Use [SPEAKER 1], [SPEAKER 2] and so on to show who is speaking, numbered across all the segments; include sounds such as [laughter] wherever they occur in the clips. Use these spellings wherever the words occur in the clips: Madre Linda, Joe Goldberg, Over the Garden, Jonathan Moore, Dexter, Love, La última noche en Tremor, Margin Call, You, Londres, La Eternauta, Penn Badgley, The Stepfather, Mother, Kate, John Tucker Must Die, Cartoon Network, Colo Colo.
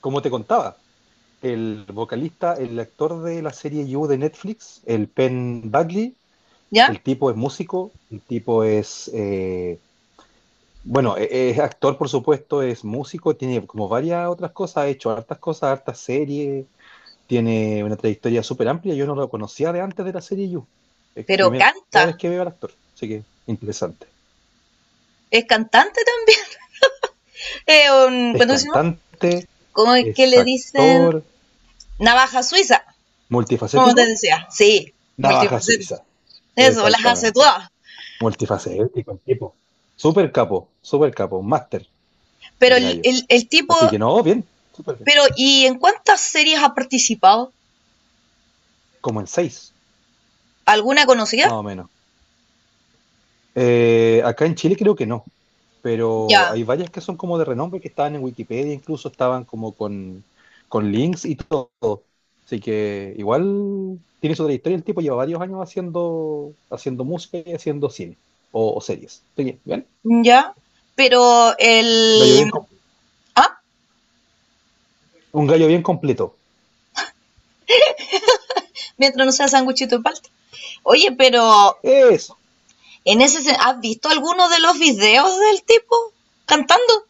[SPEAKER 1] Como te contaba, el vocalista, el actor de la serie You de Netflix, el Penn Badley,
[SPEAKER 2] ¿Ya?
[SPEAKER 1] el tipo es músico, el tipo es, bueno, es actor por supuesto, es músico, tiene como varias otras cosas, ha hecho hartas cosas, hartas series, tiene una trayectoria súper amplia, yo no lo conocía de antes de la serie You, es
[SPEAKER 2] Pero
[SPEAKER 1] primera
[SPEAKER 2] canta,
[SPEAKER 1] vez que veo al actor, así que interesante.
[SPEAKER 2] es cantante también. [laughs] Eh,
[SPEAKER 1] Es
[SPEAKER 2] ¿Cuánto decimos?
[SPEAKER 1] cantante,
[SPEAKER 2] ¿Cómo es que
[SPEAKER 1] es
[SPEAKER 2] le dicen?
[SPEAKER 1] actor,
[SPEAKER 2] Navaja suiza, como te
[SPEAKER 1] multifacético,
[SPEAKER 2] decía. Sí,
[SPEAKER 1] navaja
[SPEAKER 2] multifacético.
[SPEAKER 1] suiza,
[SPEAKER 2] Eso, las hace
[SPEAKER 1] exactamente.
[SPEAKER 2] todas.
[SPEAKER 1] Multifacético el tipo. Súper capo, un máster
[SPEAKER 2] Pero
[SPEAKER 1] el
[SPEAKER 2] el,
[SPEAKER 1] gallo.
[SPEAKER 2] el, el tipo,
[SPEAKER 1] Así que no, bien, súper bien.
[SPEAKER 2] pero ¿y en cuántas series ha participado?
[SPEAKER 1] Como en seis,
[SPEAKER 2] ¿Alguna conocida?
[SPEAKER 1] más o menos. Acá en Chile creo que no, pero
[SPEAKER 2] Ya,
[SPEAKER 1] hay varias que son como de renombre que estaban en Wikipedia, incluso estaban como con links y todo. Así que igual tiene su trayectoria, el tipo lleva varios años haciendo música y haciendo cine o series. Así que, bien,
[SPEAKER 2] ya. Pero
[SPEAKER 1] gallo bien,
[SPEAKER 2] el... Ah,
[SPEAKER 1] un gallo bien completo.
[SPEAKER 2] mientras no sea sanguchito de palta. Oye, pero
[SPEAKER 1] Eso.
[SPEAKER 2] ¿has visto alguno de los videos del tipo cantando?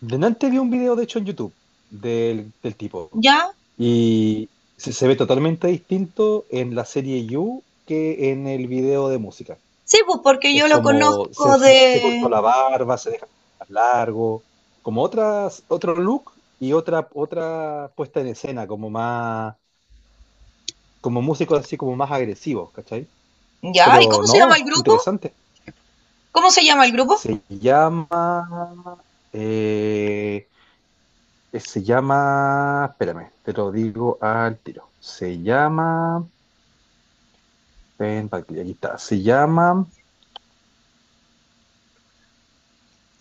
[SPEAKER 1] Delante vi un video, de hecho, en YouTube del tipo.
[SPEAKER 2] Ya,
[SPEAKER 1] Y se ve totalmente distinto en la serie You que en el video de música.
[SPEAKER 2] sí, pues porque
[SPEAKER 1] Es
[SPEAKER 2] yo lo
[SPEAKER 1] como se,
[SPEAKER 2] conozco
[SPEAKER 1] se- se cortó
[SPEAKER 2] de...
[SPEAKER 1] la barba, se deja más largo, como otro look y otra puesta en escena, como más, como músicos así como más agresivos, ¿cachai?
[SPEAKER 2] Ya, ¿y
[SPEAKER 1] Pero
[SPEAKER 2] cómo se
[SPEAKER 1] no,
[SPEAKER 2] llama el grupo?
[SPEAKER 1] interesante.
[SPEAKER 2] ¿Cómo se llama el grupo?
[SPEAKER 1] Se llama eh, se llama, espérame, te lo digo al tiro. Se llama, ven, pa' aquí está. Se llama,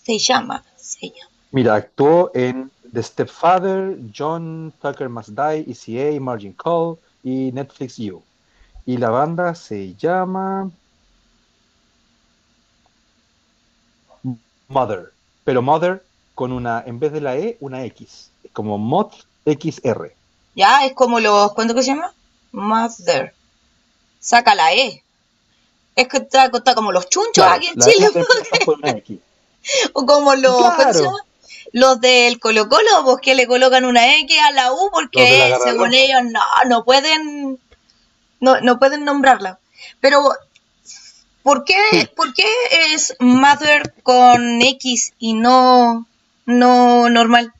[SPEAKER 2] Se llama.
[SPEAKER 1] mira, actuó en The Stepfather, John Tucker Must Die, ECA, Margin Call y Netflix You. Y la banda se llama Mother, pero Mother con una, en vez de la E, una X, como Mod X R.
[SPEAKER 2] Ya, es como los... ¿Cuánto que se llama? Mother. Saca la E. Es que está como los chunchos aquí
[SPEAKER 1] Claro,
[SPEAKER 2] en
[SPEAKER 1] la E
[SPEAKER 2] Chile,
[SPEAKER 1] la reemplazas por una X.
[SPEAKER 2] [laughs] o como los... ¿Cuánto se
[SPEAKER 1] Claro,
[SPEAKER 2] llama? Los del Colo Colo, pues que le colocan una X a la U
[SPEAKER 1] los de
[SPEAKER 2] porque
[SPEAKER 1] la Garra
[SPEAKER 2] según
[SPEAKER 1] Blanca.
[SPEAKER 2] ellos no, no pueden, no pueden nombrarla. Pero ¿por qué,
[SPEAKER 1] Sí,
[SPEAKER 2] por qué es Mother con X y no, no normal?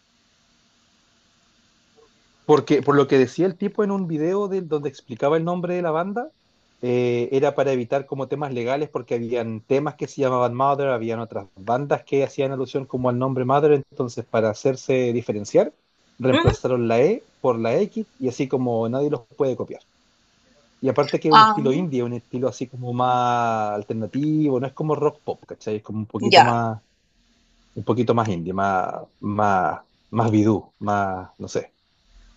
[SPEAKER 1] porque por lo que decía el tipo en un video del donde explicaba el nombre de la banda, era para evitar como temas legales porque habían temas que se llamaban Mother, habían otras bandas que hacían alusión como al nombre Mother, entonces para hacerse diferenciar,
[SPEAKER 2] ¿Mm?
[SPEAKER 1] reemplazaron la E por la X y así como nadie los puede copiar. Y aparte que es un
[SPEAKER 2] Ah,
[SPEAKER 1] estilo indie, un estilo así como más alternativo, no es como rock pop, ¿cachai? Es como
[SPEAKER 2] ya.
[SPEAKER 1] un poquito más indie, más, más, más bidú, más, no sé.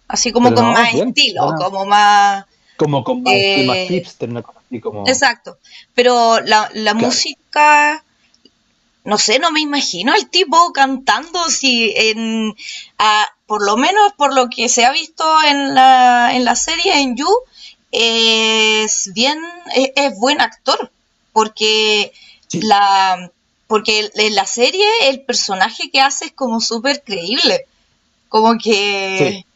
[SPEAKER 2] Así como
[SPEAKER 1] Pero
[SPEAKER 2] con
[SPEAKER 1] no,
[SPEAKER 2] más
[SPEAKER 1] bien,
[SPEAKER 2] estilo,
[SPEAKER 1] buena,
[SPEAKER 2] como más...
[SPEAKER 1] como con más temas
[SPEAKER 2] eh,
[SPEAKER 1] hipster, una cosa así como,
[SPEAKER 2] exacto. Pero la
[SPEAKER 1] claro,
[SPEAKER 2] música no sé, no me imagino al tipo cantando si en, a, por lo menos por lo que se ha visto en en la serie, en You, es bien, es buen actor, porque
[SPEAKER 1] sí,
[SPEAKER 2] la, porque en la serie el personaje que hace es como súper creíble, como
[SPEAKER 1] sí,
[SPEAKER 2] que,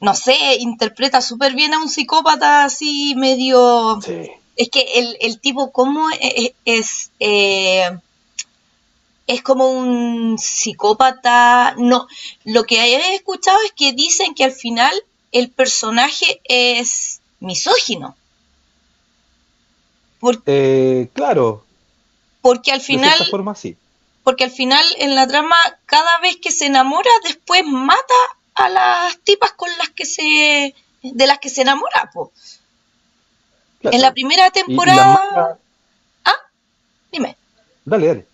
[SPEAKER 2] no sé, interpreta súper bien a un psicópata así medio...
[SPEAKER 1] sí.
[SPEAKER 2] Es que el tipo, ¿cómo es? Es es como un psicópata. No, lo que he escuchado es que dicen que al final el personaje es misógino, por-
[SPEAKER 1] Claro,
[SPEAKER 2] porque al
[SPEAKER 1] de
[SPEAKER 2] final,
[SPEAKER 1] cierta forma sí,
[SPEAKER 2] porque al final en la trama cada vez que se enamora después mata a las tipas con las que se de las que se enamora, po. En la
[SPEAKER 1] claro.
[SPEAKER 2] primera
[SPEAKER 1] Y las
[SPEAKER 2] temporada,
[SPEAKER 1] mangas,
[SPEAKER 2] ah, dime.
[SPEAKER 1] dale, dale,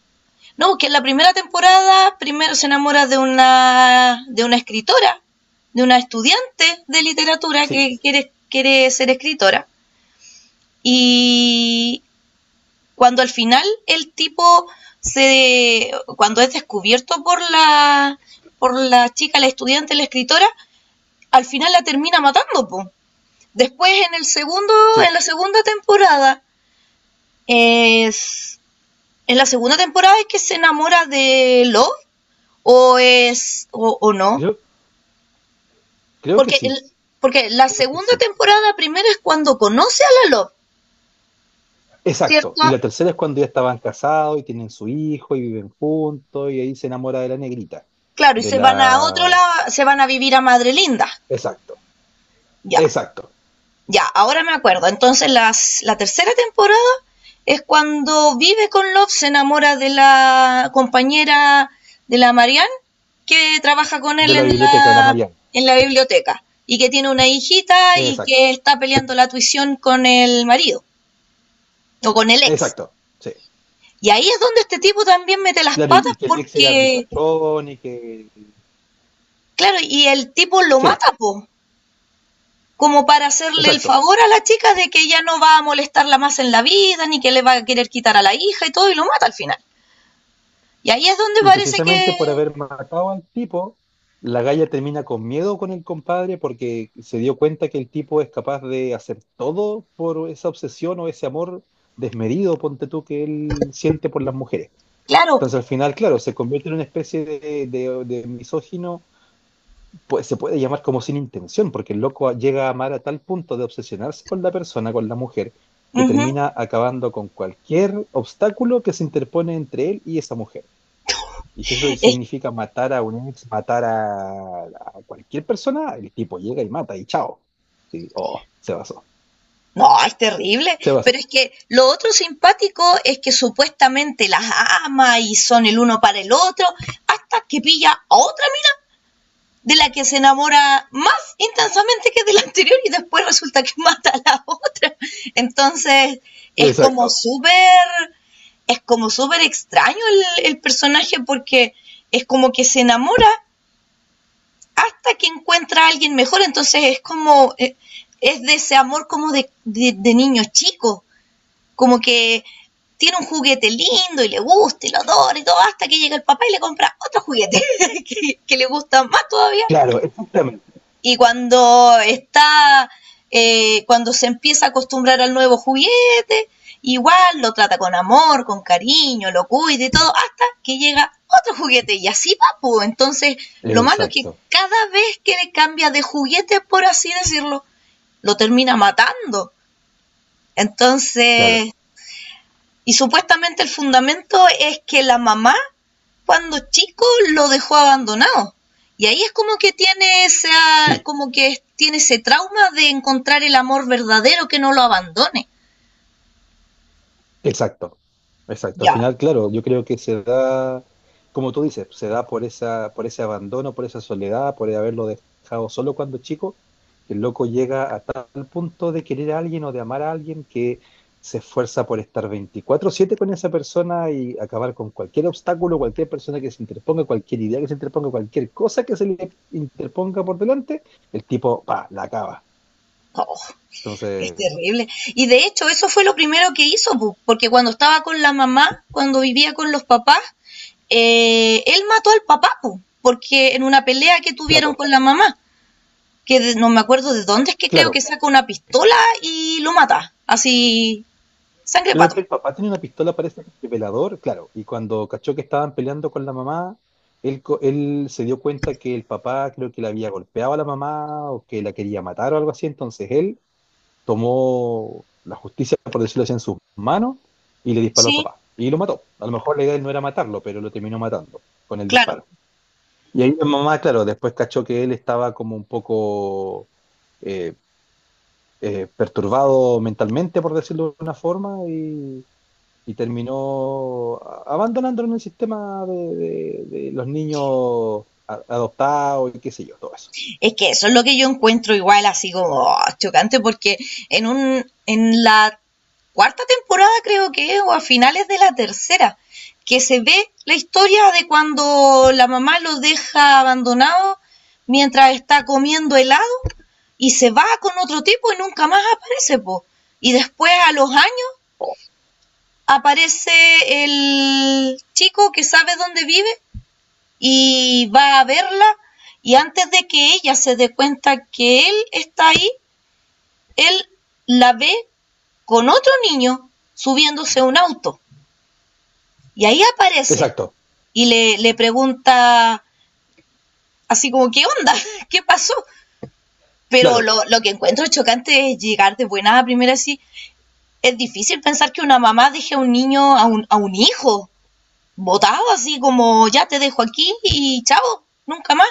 [SPEAKER 2] No, porque en la primera temporada primero se enamora de de una escritora, de una estudiante de literatura
[SPEAKER 1] sí,
[SPEAKER 2] que quiere, quiere ser escritora. Y cuando al final el tipo se cuando es descubierto por la chica, la estudiante, la escritora, al final la termina matando, po. Después en el segundo,
[SPEAKER 1] sí,
[SPEAKER 2] en la segunda temporada, es en la segunda temporada es que se enamora de Love, o es o no,
[SPEAKER 1] creo, creo que
[SPEAKER 2] porque el,
[SPEAKER 1] sí,
[SPEAKER 2] porque la
[SPEAKER 1] creo que
[SPEAKER 2] segunda
[SPEAKER 1] sí.
[SPEAKER 2] temporada primero es cuando conoce a la Love,
[SPEAKER 1] Exacto, y
[SPEAKER 2] ¿cierto?
[SPEAKER 1] la tercera es cuando ya estaban casados y tienen su hijo y viven juntos y ahí se enamora de la negrita,
[SPEAKER 2] Claro, y
[SPEAKER 1] de
[SPEAKER 2] se van a otro
[SPEAKER 1] la...
[SPEAKER 2] lado, se van a vivir a Madre Linda.
[SPEAKER 1] Exacto,
[SPEAKER 2] Ya,
[SPEAKER 1] exacto,
[SPEAKER 2] ya, ahora me acuerdo. Entonces la tercera temporada es cuando vive con Love, se enamora de la compañera de la Marianne, que trabaja con
[SPEAKER 1] de
[SPEAKER 2] él
[SPEAKER 1] la
[SPEAKER 2] en
[SPEAKER 1] biblioteca de la Mariana,
[SPEAKER 2] en la biblioteca, y que tiene una hijita y
[SPEAKER 1] exacto,
[SPEAKER 2] que está peleando la tuición con el marido, o con el ex.
[SPEAKER 1] exacto, sí.
[SPEAKER 2] Y ahí es donde este tipo también mete las
[SPEAKER 1] Claro, y
[SPEAKER 2] patas
[SPEAKER 1] y que el ex era
[SPEAKER 2] porque,
[SPEAKER 1] ricachón y que...
[SPEAKER 2] claro, y el tipo lo mata,
[SPEAKER 1] Sí,
[SPEAKER 2] po, como para hacerle el
[SPEAKER 1] exacto.
[SPEAKER 2] favor a la chica de que ya no va a molestarla más en la vida, ni que le va a querer quitar a la hija y todo, y lo mata al final. Y ahí es donde
[SPEAKER 1] Y
[SPEAKER 2] parece
[SPEAKER 1] precisamente
[SPEAKER 2] que,
[SPEAKER 1] por haber matado al tipo, la galla termina con miedo con el compadre porque se dio cuenta que el tipo es capaz de hacer todo por esa obsesión o ese amor desmedido, ponte tú, que él siente por las mujeres.
[SPEAKER 2] claro,
[SPEAKER 1] Entonces al final, claro, se convierte en una especie de misógino, pues se puede llamar como sin intención, porque el loco llega a amar a tal punto de obsesionarse con la persona, con la mujer, que
[SPEAKER 2] uh -huh,
[SPEAKER 1] termina acabando con cualquier obstáculo que se interpone entre él y esa mujer. Y si eso
[SPEAKER 2] es,
[SPEAKER 1] significa matar a un ex, matar a cualquier persona, el tipo llega y mata y chao. Sí, oh, se basó.
[SPEAKER 2] no, es terrible,
[SPEAKER 1] Se
[SPEAKER 2] pero
[SPEAKER 1] basó.
[SPEAKER 2] es que lo otro simpático es que supuestamente las ama y son el uno para el otro, hasta que pilla a otra mina de la que se enamora más intensamente que de la anterior y después resulta que mata a la otra. Entonces es como
[SPEAKER 1] Exacto.
[SPEAKER 2] súper, es como súper extraño el personaje porque es como que se enamora hasta que encuentra a alguien mejor. Entonces es como, es de ese amor como de niño chico, como que tiene un juguete lindo y le gusta y lo adora y todo, hasta que llega el papá y le compra otro juguete [laughs] que le gusta más todavía
[SPEAKER 1] Claro, exactamente.
[SPEAKER 2] y cuando está, cuando se empieza a acostumbrar al nuevo juguete, igual lo trata con amor, con cariño, lo cuida y todo, hasta que llega otro juguete y así va, pues. Entonces, lo malo es que
[SPEAKER 1] Exacto.
[SPEAKER 2] cada vez que le cambia de juguete, por así decirlo, lo termina matando.
[SPEAKER 1] Claro.
[SPEAKER 2] Entonces, y supuestamente el fundamento es que la mamá cuando chico lo dejó abandonado. Y ahí es como que tiene esa,
[SPEAKER 1] Sí.
[SPEAKER 2] como que tiene ese trauma de encontrar el amor verdadero que no lo abandone.
[SPEAKER 1] Exacto, exacto. Al
[SPEAKER 2] Ya,
[SPEAKER 1] final, claro, yo creo que se da, como tú dices, se da por esa, por ese abandono, por esa soledad, por haberlo dejado solo cuando chico, que el loco llega a tal punto de querer a alguien o de amar a alguien que se esfuerza por estar 24/7 con esa persona y acabar con cualquier obstáculo, cualquier persona que se interponga, cualquier idea que se interponga, cualquier cosa que se le interponga por delante, el tipo, pa, la acaba.
[SPEAKER 2] oh, es
[SPEAKER 1] Entonces,
[SPEAKER 2] terrible. Y de hecho, eso fue lo primero que hizo, porque cuando estaba con la mamá, cuando vivía con los papás, él mató al papá, porque en una pelea que tuvieron
[SPEAKER 1] claro.
[SPEAKER 2] con la mamá, que no me acuerdo de dónde es que creo que
[SPEAKER 1] Claro,
[SPEAKER 2] saca una pistola y lo mata, así, sangre
[SPEAKER 1] creo
[SPEAKER 2] pato.
[SPEAKER 1] que el papá tenía una pistola, parece, de velador, claro. Y cuando cachó que estaban peleando con la mamá, él se dio cuenta que el papá creo que le había golpeado a la mamá o que la quería matar o algo así. Entonces él tomó la justicia, por decirlo así, en sus manos y le disparó al
[SPEAKER 2] Sí,
[SPEAKER 1] papá. Y lo mató. A lo mejor la idea de él no era matarlo, pero lo terminó matando con el
[SPEAKER 2] claro.
[SPEAKER 1] disparo. Y ahí la mamá, claro, después cachó que él estaba como un poco eh, perturbado mentalmente, por decirlo de una forma, y terminó abandonándolo en el sistema de los niños adoptados y qué sé yo, todo eso.
[SPEAKER 2] Es que eso es lo que yo encuentro igual así como oh, chocante porque en la cuarta temporada creo que es, o a finales de la tercera, que se ve la historia de cuando la mamá lo deja abandonado mientras está comiendo helado y se va con otro tipo y nunca más aparece, po. Y después a los años aparece el chico que sabe dónde vive y va a verla y antes de que ella se dé cuenta que él está ahí, él la ve con otro niño subiéndose a un auto y ahí aparece
[SPEAKER 1] Exacto,
[SPEAKER 2] y le pregunta así como, ¿qué onda? [laughs] ¿Qué pasó? Pero
[SPEAKER 1] claro,
[SPEAKER 2] lo que encuentro chocante es llegar de buena a primera así. Es difícil pensar que una mamá deje a un niño, a un hijo, botado, así como ya te dejo aquí y chao, nunca más.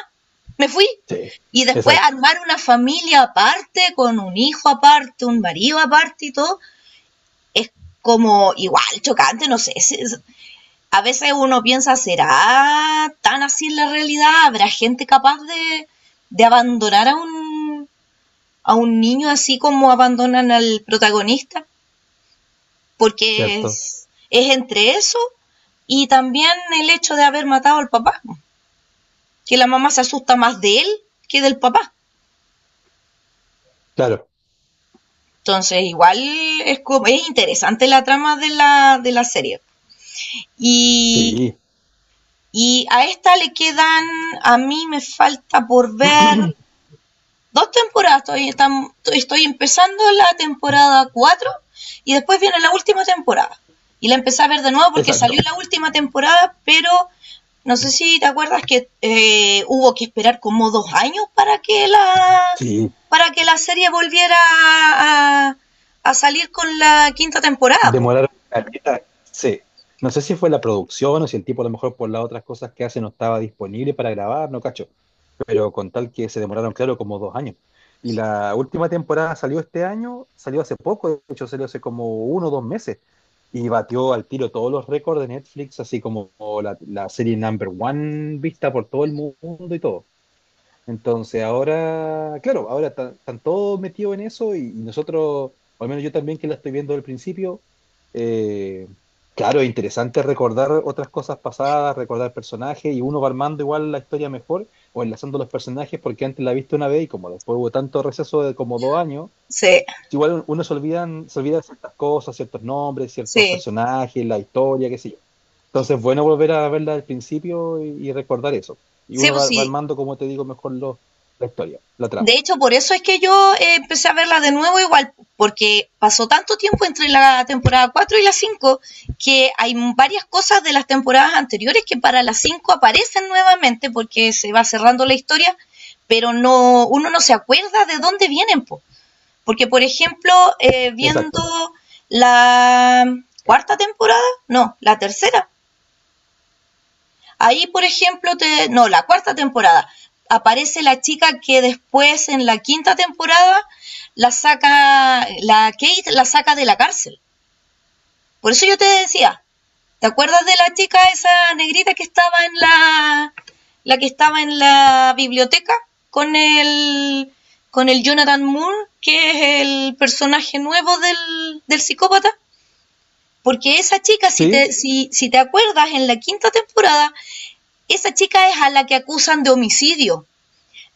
[SPEAKER 2] Me fui.
[SPEAKER 1] sí,
[SPEAKER 2] Y después
[SPEAKER 1] exacto,
[SPEAKER 2] armar una familia aparte, con un hijo aparte, un marido aparte y todo, es como igual chocante, no sé. A veces uno piensa, ¿será tan así la realidad? ¿Habrá gente capaz de abandonar a un niño así como abandonan al protagonista? Porque
[SPEAKER 1] cierto,
[SPEAKER 2] es entre eso y también el hecho de haber matado al papá, que la mamá se asusta más de él que del papá.
[SPEAKER 1] claro,
[SPEAKER 2] Entonces, igual es, es interesante la trama de de la serie. Y,
[SPEAKER 1] sí,
[SPEAKER 2] y a esta le quedan, a mí me falta por ver
[SPEAKER 1] [clears throat]
[SPEAKER 2] dos temporadas, estoy empezando la temporada 4 y después viene la última temporada. Y la empecé a ver de nuevo porque salió
[SPEAKER 1] exacto,
[SPEAKER 2] la última temporada, pero no sé si te acuerdas que hubo que esperar como dos años
[SPEAKER 1] sí,
[SPEAKER 2] para que la serie volviera a, a salir con la quinta temporada, po.
[SPEAKER 1] demoraron caleta, sí. No sé si fue la producción o si el tipo a lo mejor por las otras cosas que hace no estaba disponible para grabar, no cacho, pero con tal que se demoraron, claro, como 2 años. Y la última temporada salió este año, salió hace poco, de hecho salió hace como 1 o 2 meses, y batió al tiro todos los récords de Netflix, así como la serie number one vista por todo el mundo y todo. Entonces ahora, claro, ahora están todos metidos en eso y nosotros, o al menos yo también que la estoy viendo al principio, eh, claro, es interesante recordar otras cosas pasadas, recordar personajes y uno va armando igual la historia mejor o enlazando los personajes porque antes la viste una vez y como después hubo tanto receso de como 2 años,
[SPEAKER 2] Sí,
[SPEAKER 1] igual uno se olvidan, se olvida de ciertas cosas, ciertos nombres, ciertos
[SPEAKER 2] sí,
[SPEAKER 1] personajes, la historia, qué sé yo. Entonces, bueno, volver a verla al principio y recordar eso. Y
[SPEAKER 2] sí,
[SPEAKER 1] uno
[SPEAKER 2] pues
[SPEAKER 1] va
[SPEAKER 2] sí.
[SPEAKER 1] armando, como te digo, mejor la historia, la
[SPEAKER 2] De
[SPEAKER 1] trama.
[SPEAKER 2] hecho, por eso es que yo empecé a verla de nuevo igual, porque pasó tanto tiempo entre la temporada 4 y la cinco que hay varias cosas de las temporadas anteriores que para la 5 aparecen nuevamente porque se va cerrando la historia, pero no uno no se acuerda de dónde vienen, po. Porque, por ejemplo,
[SPEAKER 1] Exacto.
[SPEAKER 2] viendo la cuarta temporada, no, la tercera, ahí, por ejemplo, no, la cuarta temporada, aparece la chica que después en la quinta temporada la saca, la Kate la saca de la cárcel. Por eso yo te decía, ¿te acuerdas de la chica esa negrita que estaba en la que estaba en la biblioteca con con el Jonathan Moore, que es el personaje nuevo del psicópata? Porque esa chica,
[SPEAKER 1] ¿Sí?
[SPEAKER 2] si te acuerdas, en la quinta temporada esa chica es a la que acusan de homicidio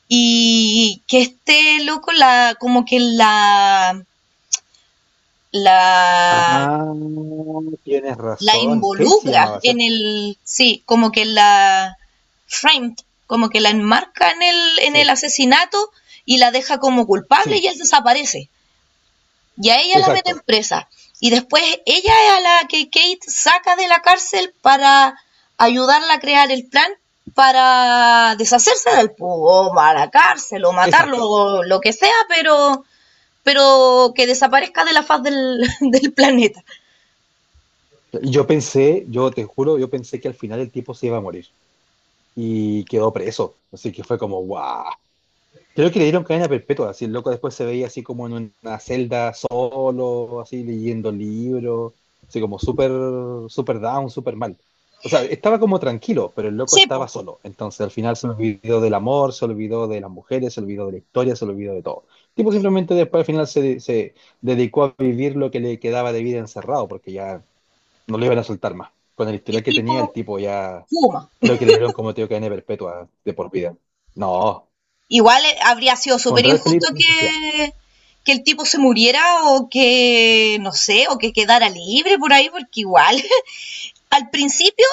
[SPEAKER 2] y que este loco la
[SPEAKER 1] Ah, tienes
[SPEAKER 2] la
[SPEAKER 1] razón. Kate se
[SPEAKER 2] involucra
[SPEAKER 1] llamaba,
[SPEAKER 2] en
[SPEAKER 1] ¿cierto?
[SPEAKER 2] el sí, como que la framed, como que la enmarca en el
[SPEAKER 1] Sí,
[SPEAKER 2] asesinato y la deja como culpable y
[SPEAKER 1] sí,
[SPEAKER 2] él desaparece. Y a ella la meten
[SPEAKER 1] exacto,
[SPEAKER 2] presa. Y después ella es a la que Kate saca de la cárcel para ayudarla a crear el plan para deshacerse del o a la cárcel o matarlo
[SPEAKER 1] exacto.
[SPEAKER 2] o lo que sea, pero que desaparezca de la faz del, [laughs] del planeta.
[SPEAKER 1] Yo pensé, yo te juro, yo pensé que al final el tipo se iba a morir y quedó preso. Así que fue como, ¡guau! Creo que le dieron cadena perpetua, así el loco después se veía así como en una celda solo, así leyendo libros, así como súper, súper down, súper mal. O sea, estaba como tranquilo, pero el loco
[SPEAKER 2] Sepo,
[SPEAKER 1] estaba solo. Entonces al final se olvidó del amor, se olvidó de las mujeres, se olvidó de la historia, se olvidó de todo. El tipo simplemente después al final se dedicó a vivir lo que le quedaba de vida encerrado, porque ya no le iban a soltar más. Con el
[SPEAKER 2] el
[SPEAKER 1] historial que tenía, el
[SPEAKER 2] tipo
[SPEAKER 1] tipo ya
[SPEAKER 2] fuma.
[SPEAKER 1] creo que le dieron como te digo cadena perpetua de por vida. No.
[SPEAKER 2] Igual habría sido súper
[SPEAKER 1] Pondrá el peligro
[SPEAKER 2] injusto
[SPEAKER 1] de la sociedad.
[SPEAKER 2] que el tipo se muriera o que, no sé, o que quedara libre por ahí, porque igual al principio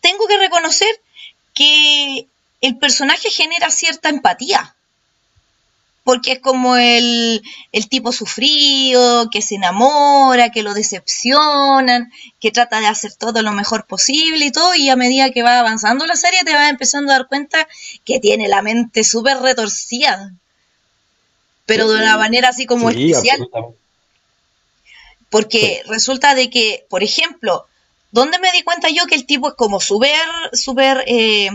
[SPEAKER 2] tengo que reconocer que el personaje genera cierta empatía, porque es como el tipo sufrido, que se enamora, que lo decepcionan, que trata de hacer todo lo mejor posible y todo, y a medida que va avanzando la serie te vas empezando a dar cuenta que tiene la mente súper retorcida, pero de una
[SPEAKER 1] Sí,
[SPEAKER 2] manera así como
[SPEAKER 1] sí,
[SPEAKER 2] especial,
[SPEAKER 1] absolutamente.
[SPEAKER 2] porque
[SPEAKER 1] Sí,
[SPEAKER 2] resulta de que, por ejemplo, ¿dónde me di cuenta yo que el tipo es como súper...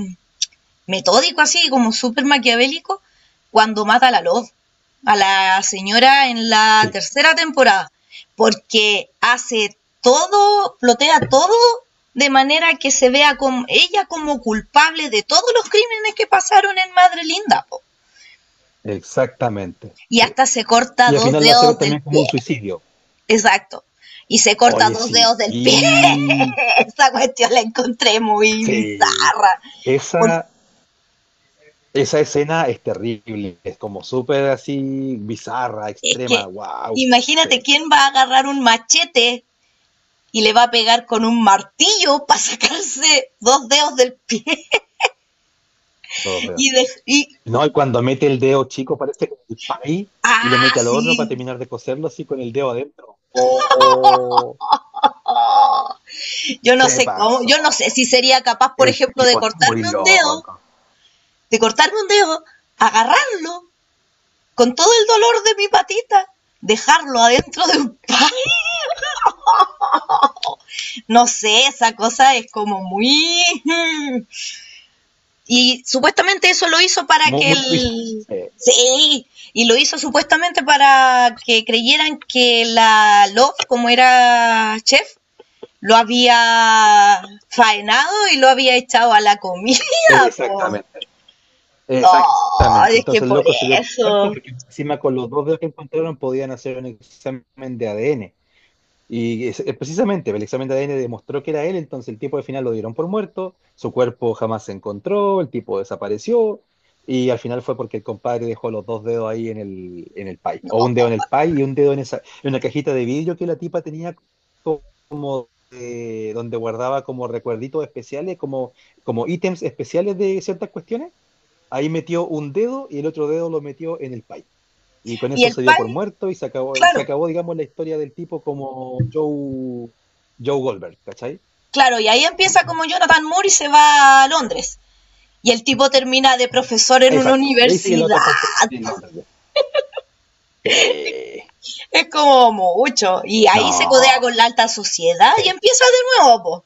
[SPEAKER 2] metódico así, como súper maquiavélico, cuando mata a la Love, a la señora en la
[SPEAKER 1] sí,
[SPEAKER 2] tercera temporada, porque hace todo, plotea todo de manera que se vea con ella como culpable de todos los crímenes que pasaron en Madre Linda, po.
[SPEAKER 1] exactamente.
[SPEAKER 2] Y
[SPEAKER 1] Sí.
[SPEAKER 2] hasta se corta
[SPEAKER 1] Y al
[SPEAKER 2] dos
[SPEAKER 1] final la hace
[SPEAKER 2] dedos
[SPEAKER 1] ver
[SPEAKER 2] del
[SPEAKER 1] también como
[SPEAKER 2] pie.
[SPEAKER 1] un suicidio.
[SPEAKER 2] Exacto. Y se corta
[SPEAKER 1] Oye,
[SPEAKER 2] dos
[SPEAKER 1] sí,
[SPEAKER 2] dedos del pie. [laughs] Esa cuestión la encontré muy
[SPEAKER 1] sí.
[SPEAKER 2] bizarra. Porque
[SPEAKER 1] Esa, esa escena es terrible. Es como súper así, bizarra,
[SPEAKER 2] es que,
[SPEAKER 1] extrema. Wow.
[SPEAKER 2] imagínate
[SPEAKER 1] Sí,
[SPEAKER 2] quién va a agarrar un machete y le va a pegar con un martillo para sacarse dos dedos del pie
[SPEAKER 1] dos dedos.
[SPEAKER 2] y
[SPEAKER 1] No, y cuando mete el dedo chico, parece como el pay, y lo
[SPEAKER 2] ah
[SPEAKER 1] mete al
[SPEAKER 2] sí
[SPEAKER 1] horno para terminar de cocerlo así con el dedo adentro. Oh,
[SPEAKER 2] yo no
[SPEAKER 1] se
[SPEAKER 2] sé cómo yo no sé
[SPEAKER 1] pasó.
[SPEAKER 2] si sería capaz por
[SPEAKER 1] El
[SPEAKER 2] ejemplo de
[SPEAKER 1] tipo está muy
[SPEAKER 2] cortarme un dedo
[SPEAKER 1] loco,
[SPEAKER 2] de cortarme un dedo agarrarlo con todo el dolor de mi patita dejarlo adentro de un [laughs] pan no sé esa cosa es como muy y supuestamente eso lo hizo para
[SPEAKER 1] muy,
[SPEAKER 2] que
[SPEAKER 1] muy twisted.
[SPEAKER 2] el...
[SPEAKER 1] Sí,
[SPEAKER 2] Sí, y lo hizo supuestamente para que creyeran que la Love, como era chef, lo había faenado y lo había echado a la comida, [laughs] pues.
[SPEAKER 1] exactamente,
[SPEAKER 2] Oh,
[SPEAKER 1] exactamente.
[SPEAKER 2] es que
[SPEAKER 1] Entonces el
[SPEAKER 2] por
[SPEAKER 1] loco se dio por muerto
[SPEAKER 2] eso.
[SPEAKER 1] porque encima con los dos dedos que encontraron podían hacer un examen de ADN. Y precisamente el examen de ADN demostró que era él, entonces el tipo al final lo dieron por muerto, su cuerpo jamás se encontró, el tipo desapareció y al final fue porque el compadre dejó los dos dedos ahí en el pie, o un dedo
[SPEAKER 2] No.
[SPEAKER 1] en el pie y un dedo en, esa, en una cajita de vidrio que la tipa tenía donde guardaba como recuerditos especiales, como ítems especiales de ciertas cuestiones. Ahí metió un dedo y el otro dedo lo metió en el pie. Y con
[SPEAKER 2] Y
[SPEAKER 1] eso
[SPEAKER 2] el
[SPEAKER 1] se dio por
[SPEAKER 2] pai,
[SPEAKER 1] muerto y se
[SPEAKER 2] claro,
[SPEAKER 1] acabó, digamos, la historia del tipo como Joe, Joe Goldberg, ¿cachai?
[SPEAKER 2] claro, y ahí empieza como Jonathan Moore y se va a Londres. Y el tipo termina de profesor en una
[SPEAKER 1] Exacto. Y ahí sigue la
[SPEAKER 2] universidad,
[SPEAKER 1] otra parte de Londres. Sí.
[SPEAKER 2] es como mucho. Y ahí se codea
[SPEAKER 1] No,
[SPEAKER 2] con la alta sociedad
[SPEAKER 1] sí.
[SPEAKER 2] y empieza de nuevo, po.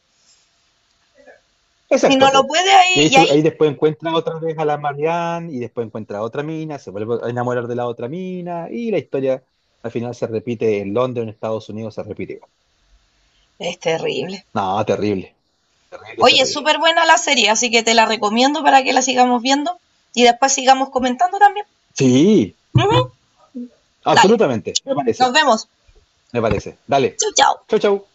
[SPEAKER 2] Y
[SPEAKER 1] Exacto,
[SPEAKER 2] no lo
[SPEAKER 1] po.
[SPEAKER 2] puede ahí,
[SPEAKER 1] Y ahí,
[SPEAKER 2] y ahí
[SPEAKER 1] ahí después encuentra otra vez a la Marianne y después encuentra a otra mina, se vuelve a enamorar de la otra mina y la historia al final se repite en Londres, en Estados Unidos, se repite igual.
[SPEAKER 2] es terrible.
[SPEAKER 1] No, terrible, terrible,
[SPEAKER 2] Oye, es
[SPEAKER 1] terrible.
[SPEAKER 2] súper buena la serie, así que te la recomiendo para que la sigamos viendo y después sigamos comentando también.
[SPEAKER 1] Sí,
[SPEAKER 2] Ujú. Dale,
[SPEAKER 1] absolutamente, me
[SPEAKER 2] nos
[SPEAKER 1] parece,
[SPEAKER 2] vemos.
[SPEAKER 1] me parece. Dale.
[SPEAKER 2] Chau, chau.
[SPEAKER 1] Chau, chau.